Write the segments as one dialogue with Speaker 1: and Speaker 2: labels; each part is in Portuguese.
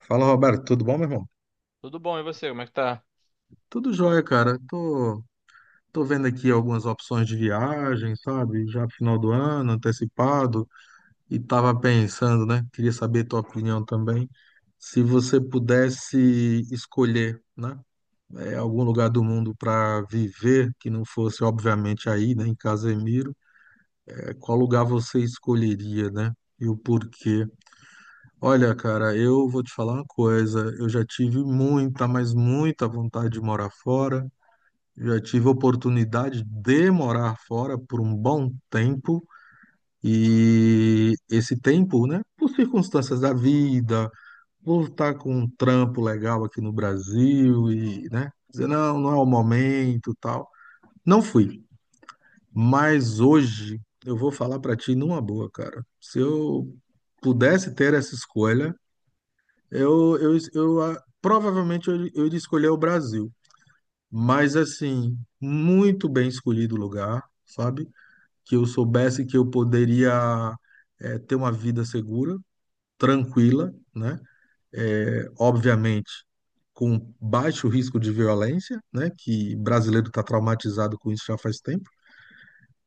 Speaker 1: Fala, Roberto, tudo bom, meu irmão?
Speaker 2: Tudo bom, e você? Como é que tá?
Speaker 1: Tudo jóia, cara. Tô vendo aqui algumas opções de viagem, sabe? Já pro final do ano, antecipado, e tava pensando, né? Queria saber tua opinião também. Se você pudesse escolher, né? Algum lugar do mundo para viver, que não fosse, obviamente, aí, né? Em Casemiro, qual lugar você escolheria, né? E o porquê? Olha, cara, eu vou te falar uma coisa. Eu já tive muita, mas muita vontade de morar fora. Já tive oportunidade de morar fora por um bom tempo. E esse tempo, né, por circunstâncias da vida, por estar com um trampo legal aqui no Brasil e, né, dizer, não, não é o momento, tal. Não fui. Mas hoje eu vou falar pra ti numa boa, cara. Se eu pudesse ter essa escolha, provavelmente eu iria escolher o Brasil, mas assim, muito bem escolhido o lugar, sabe? Que eu soubesse que eu poderia ter uma vida segura, tranquila, né? Obviamente, com baixo risco de violência, né? Que brasileiro está traumatizado com isso já faz tempo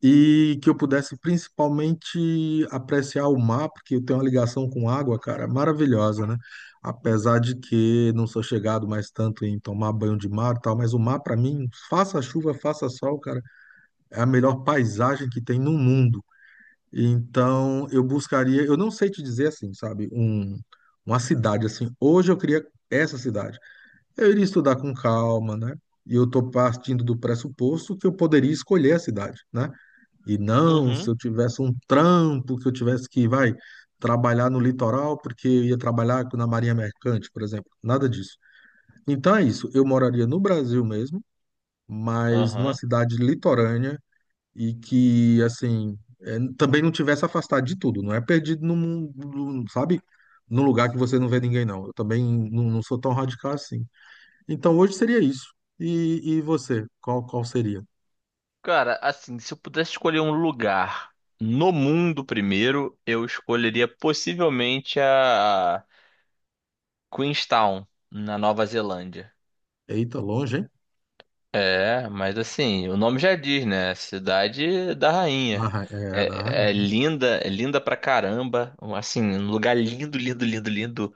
Speaker 1: e que eu pudesse principalmente apreciar o mar, porque eu tenho uma ligação com água, cara, maravilhosa, né? Apesar de que não sou chegado mais tanto em tomar banho de mar e tal, mas o mar, para mim, faça chuva, faça sol, cara, é a melhor paisagem que tem no mundo. Então, eu buscaria, eu não sei te dizer assim, sabe, um, uma cidade assim. Hoje eu queria essa cidade. Eu iria estudar com calma, né? E eu estou partindo do pressuposto que eu poderia escolher a cidade, né? E não, se
Speaker 2: Uhum,
Speaker 1: eu tivesse um trampo, que eu tivesse que, vai, trabalhar no litoral, porque eu ia trabalhar na Marinha Mercante, por exemplo. Nada disso. Então é isso. Eu moraria no Brasil mesmo, mas numa
Speaker 2: aham.
Speaker 1: cidade litorânea e que, assim, é, também não tivesse afastado de tudo. Não é perdido num, sabe? Num lugar que você não vê ninguém, não. Eu também não sou tão radical assim. Então hoje seria isso. E você? Qual seria?
Speaker 2: Cara, assim, se eu pudesse escolher um lugar no mundo primeiro, eu escolheria possivelmente a Queenstown, na Nova Zelândia.
Speaker 1: Eita, longe, hein?
Speaker 2: É, mas assim, o nome já diz, né? Cidade da
Speaker 1: Da,
Speaker 2: rainha.
Speaker 1: é, da
Speaker 2: É,
Speaker 1: rainha. Né?
Speaker 2: é linda pra caramba. Assim, um lugar lindo, lindo, lindo, lindo.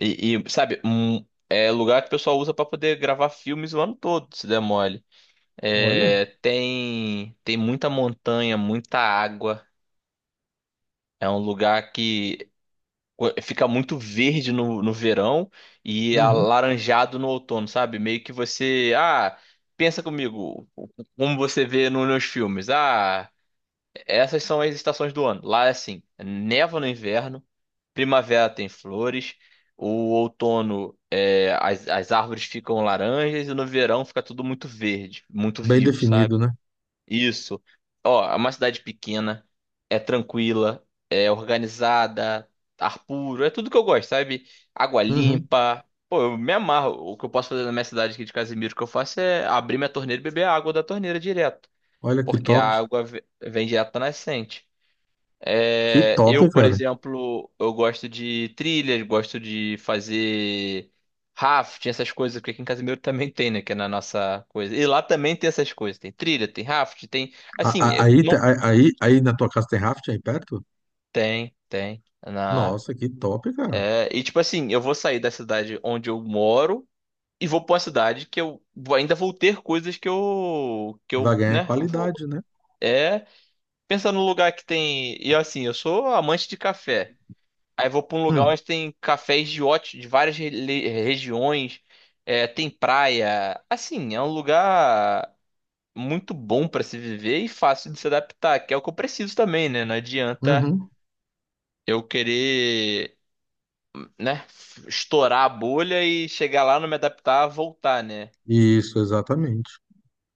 Speaker 2: E, e, sabe, um, é lugar que o pessoal usa pra poder gravar filmes o ano todo, se der mole.
Speaker 1: Olha.
Speaker 2: É, tem muita montanha, muita água. É um lugar que fica muito verde no verão e
Speaker 1: Uhum.
Speaker 2: alaranjado no outono, sabe? Meio que você. Pensa comigo, como você vê nos filmes. Ah, essas são as estações do ano. Lá é assim: neva no inverno, primavera tem flores, o outono. É, as árvores ficam laranjas e no verão fica tudo muito verde, muito
Speaker 1: Bem
Speaker 2: vivo, sabe?
Speaker 1: definido, né?
Speaker 2: Isso. Ó, é uma cidade pequena, é tranquila, é organizada, ar puro, é tudo que eu gosto, sabe? Água
Speaker 1: Uhum.
Speaker 2: limpa. Pô, eu me amarro. O que eu posso fazer na minha cidade aqui de Casimiro, que eu faço é abrir minha torneira e beber a água da torneira direto,
Speaker 1: Olha que
Speaker 2: porque a
Speaker 1: top.
Speaker 2: água vem direto da nascente.
Speaker 1: Que
Speaker 2: É,
Speaker 1: top,
Speaker 2: eu, por
Speaker 1: cara.
Speaker 2: exemplo, eu gosto de trilhas, gosto de fazer rafting, essas coisas, porque aqui em Casimiro também tem, né? Que é na nossa coisa. E lá também tem essas coisas. Tem trilha, tem rafting, tem. Assim, eu
Speaker 1: Aí,
Speaker 2: não.
Speaker 1: aí, aí, na tua casa tem rafting aí perto?
Speaker 2: Tem, tem. Na...
Speaker 1: Nossa, que top, cara.
Speaker 2: É, e tipo assim, eu vou sair da cidade onde eu moro e vou pra uma cidade que ainda vou ter coisas que eu. Que
Speaker 1: Vai
Speaker 2: eu,
Speaker 1: ganhar
Speaker 2: né? Vou.
Speaker 1: qualidade, né?
Speaker 2: É. Pensar no lugar que tem. E assim, eu sou amante de café. Aí vou pra um lugar
Speaker 1: Hum.
Speaker 2: onde tem cafés de de várias regiões, é, tem praia. Assim, é um lugar muito bom pra se viver e fácil de se adaptar, que é o que eu preciso também, né? Não adianta
Speaker 1: Uhum.
Speaker 2: eu querer, né, estourar a bolha e chegar lá, não me adaptar, voltar, né?
Speaker 1: Isso, exatamente.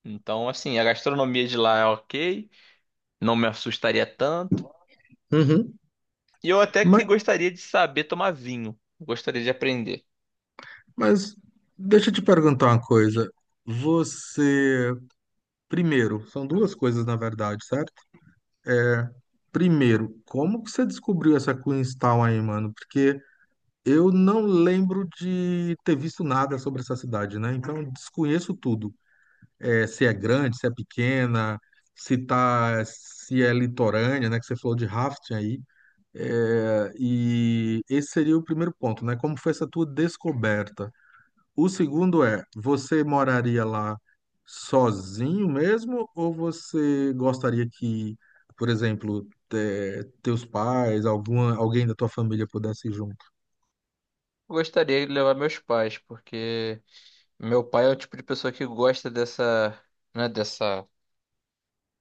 Speaker 2: Então, assim, a gastronomia de lá é ok, não me assustaria tanto.
Speaker 1: Uhum.
Speaker 2: E eu até que
Speaker 1: Mas,
Speaker 2: gostaria de saber tomar vinho, gostaria de aprender.
Speaker 1: mas deixa eu te perguntar uma coisa. Você, primeiro, são duas coisas na verdade, certo? Primeiro, como que você descobriu essa Queenstown aí, mano? Eu não lembro de ter visto nada sobre essa cidade, né? Então eu desconheço tudo. É, se é grande, se é pequena, se tá, se é litorânea, né? Que você falou de rafting aí. É, e esse seria o primeiro ponto, né? Como foi essa tua descoberta? O segundo é, você moraria lá sozinho mesmo ou você gostaria que, por exemplo, teus pais, alguma, alguém da tua família pudesse ir junto?
Speaker 2: Gostaria de levar meus pais, porque meu pai é o tipo de pessoa que gosta dessa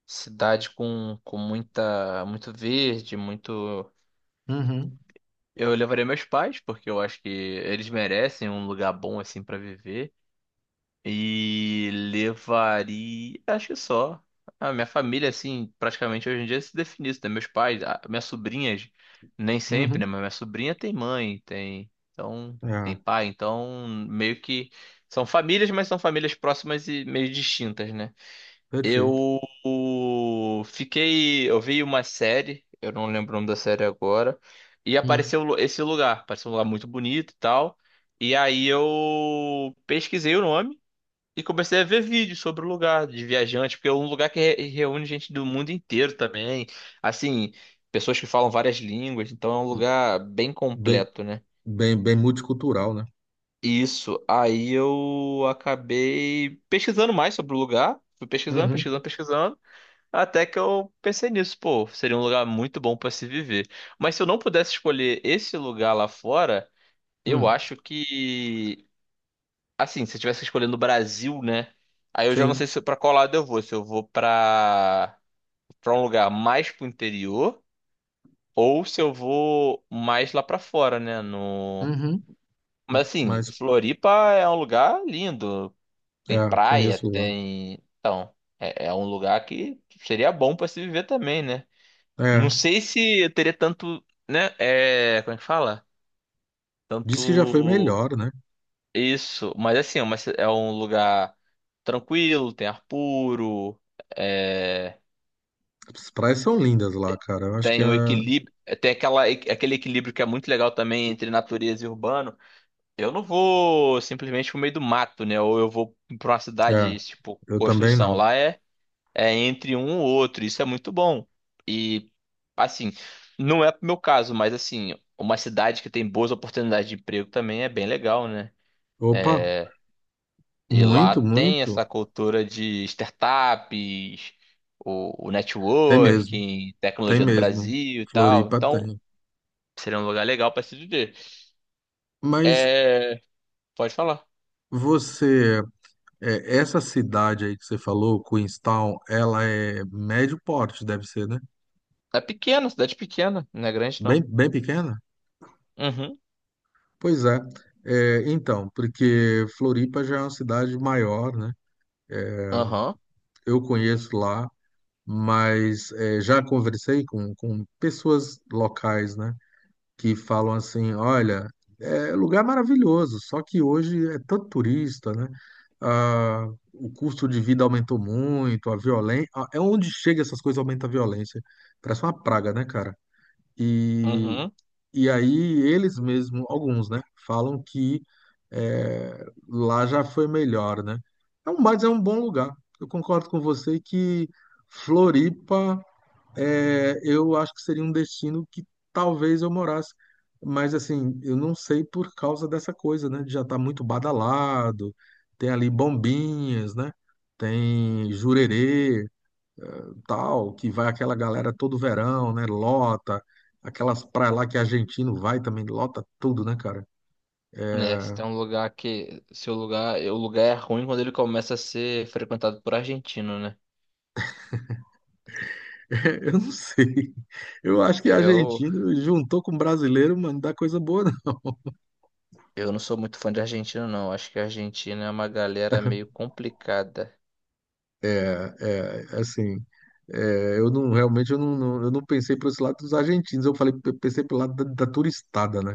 Speaker 2: cidade com muita, muito verde, muito.
Speaker 1: Uhum,
Speaker 2: Eu levaria meus pais, porque eu acho que eles merecem um lugar bom assim pra viver. E levaria, acho que só. A minha família, assim, praticamente hoje em dia se define isso, né? Meus pais, minhas sobrinhas, nem sempre,
Speaker 1: uhum.
Speaker 2: né? Mas minha sobrinha tem mãe, tem. Então, tem
Speaker 1: Ah,
Speaker 2: pai, então meio que. São famílias, mas são famílias próximas e meio distintas, né?
Speaker 1: perfeito.
Speaker 2: Eu fiquei. Eu vi uma série, eu não lembro o nome da série agora, e
Speaker 1: Hum,
Speaker 2: apareceu esse lugar. Apareceu um lugar muito bonito e tal. E aí eu pesquisei o nome e comecei a ver vídeos sobre o lugar de viajante, porque é um lugar que reúne gente do mundo inteiro também. Assim, pessoas que falam várias línguas, então é um
Speaker 1: hum.
Speaker 2: lugar bem
Speaker 1: Bem,
Speaker 2: completo, né?
Speaker 1: bem multicultural, né?
Speaker 2: Isso, aí eu acabei pesquisando mais sobre o lugar. Fui pesquisando,
Speaker 1: Uhum,
Speaker 2: pesquisando, pesquisando. Até que eu pensei nisso, pô, seria um lugar muito bom pra se viver. Mas se eu não pudesse escolher esse lugar lá fora, eu
Speaker 1: hum,
Speaker 2: acho que, assim, se eu tivesse escolhendo o Brasil, né? Aí eu já não sei
Speaker 1: sim.
Speaker 2: se para qual lado eu vou, se eu vou pra para um lugar mais pro interior ou se eu vou mais lá pra fora, né, no.
Speaker 1: Uhum,
Speaker 2: Mas
Speaker 1: hum.
Speaker 2: assim,
Speaker 1: Mas,
Speaker 2: Floripa é um lugar lindo, tem
Speaker 1: é,
Speaker 2: praia,
Speaker 1: conheço lá.
Speaker 2: tem, então, é, é um lugar que seria bom pra se viver também, né? Não
Speaker 1: É,
Speaker 2: sei se eu teria tanto, né? É, como é que fala? Tanto
Speaker 1: diz que já foi melhor, né?
Speaker 2: isso, mas assim, é uma é um lugar tranquilo, tem ar puro, é,
Speaker 1: As praias são lindas lá, cara. Eu acho que é,
Speaker 2: tem um equilíbrio, é, tem aquele equilíbrio que é muito legal também entre natureza e urbano. Eu não vou simplesmente pro meio do mato, né? Ou eu vou pra uma
Speaker 1: é,
Speaker 2: cidade, tipo,
Speaker 1: eu também
Speaker 2: construção.
Speaker 1: não.
Speaker 2: Lá é, é, entre um ou outro. Isso é muito bom. E, assim, não é pro meu caso, mas, assim, uma cidade que tem boas oportunidades de emprego também é bem legal, né?
Speaker 1: Opa,
Speaker 2: E lá
Speaker 1: muito,
Speaker 2: tem
Speaker 1: muito.
Speaker 2: essa cultura de startups, o
Speaker 1: Tem mesmo,
Speaker 2: networking,
Speaker 1: tem
Speaker 2: tecnologia do
Speaker 1: mesmo.
Speaker 2: Brasil e tal.
Speaker 1: Floripa
Speaker 2: Então,
Speaker 1: tem.
Speaker 2: seria um lugar legal para se viver.
Speaker 1: Mas
Speaker 2: É, pode falar.
Speaker 1: você, é, essa cidade aí que você falou, Queenstown, ela é médio porte, deve ser, né?
Speaker 2: É pequena, cidade pequena, não é grande, não.
Speaker 1: Bem pequena?
Speaker 2: Uhum,
Speaker 1: Pois é. É, então, porque Floripa já é uma cidade maior, né?
Speaker 2: aham,
Speaker 1: Eu conheço lá, mas é, já conversei com pessoas locais, né? Que falam assim, olha, é lugar maravilhoso, só que hoje é tanto turista, né? Ah, o custo de vida aumentou muito, a violência... É onde chega essas coisas, aumenta a violência. Parece uma praga, né, cara? E
Speaker 2: uhum.
Speaker 1: e aí eles mesmos, alguns, né, falam que é, lá já foi melhor, né? Mas é um bom lugar. Eu concordo com você que Floripa, é, eu acho que seria um destino que talvez eu morasse. Mas assim, eu não sei por causa dessa coisa, né? De já tá muito badalado, tem ali Bombinhas, né? Tem Jurerê, tal, que vai aquela galera todo verão, né? Lota, aquelas praias lá que argentino vai também, lota tudo, né, cara?
Speaker 2: É, se tem um lugar que. Se o lugar. O lugar é ruim quando ele começa a ser frequentado por argentino, né?
Speaker 1: Eu não sei. Eu acho que
Speaker 2: Eu,
Speaker 1: argentino juntou com brasileiro, mano, não dá coisa boa, não.
Speaker 2: eu não sou muito fã de argentino, não. Acho que a Argentina é uma galera meio complicada.
Speaker 1: Assim, é, eu não realmente eu eu não pensei por esse lado dos argentinos, eu falei, eu pensei pelo lado da turistada, né?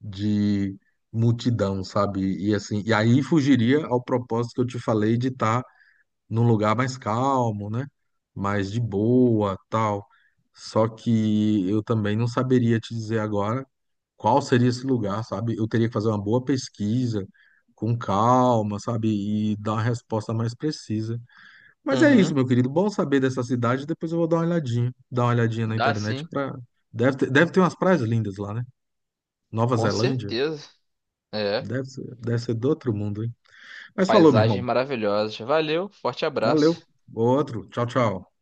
Speaker 1: De multidão, sabe? E assim, e aí fugiria ao propósito que eu te falei de estar num lugar mais calmo, né? Mais de boa, tal. Só que eu também não saberia te dizer agora qual seria esse lugar, sabe? Eu teria que fazer uma boa pesquisa, com calma, sabe? E dar uma resposta mais precisa. Mas é isso,
Speaker 2: Uhum,
Speaker 1: meu querido. Bom saber dessa cidade. Depois eu vou dar uma olhadinha na
Speaker 2: dá
Speaker 1: internet
Speaker 2: sim,
Speaker 1: para deve ter umas praias lindas lá, né? Nova
Speaker 2: com
Speaker 1: Zelândia.
Speaker 2: certeza. É,
Speaker 1: Deve ser do outro mundo, hein? Mas falou, meu
Speaker 2: paisagens
Speaker 1: irmão.
Speaker 2: maravilhosas. Valeu, forte
Speaker 1: Valeu.
Speaker 2: abraço.
Speaker 1: Outro. Tchau, tchau.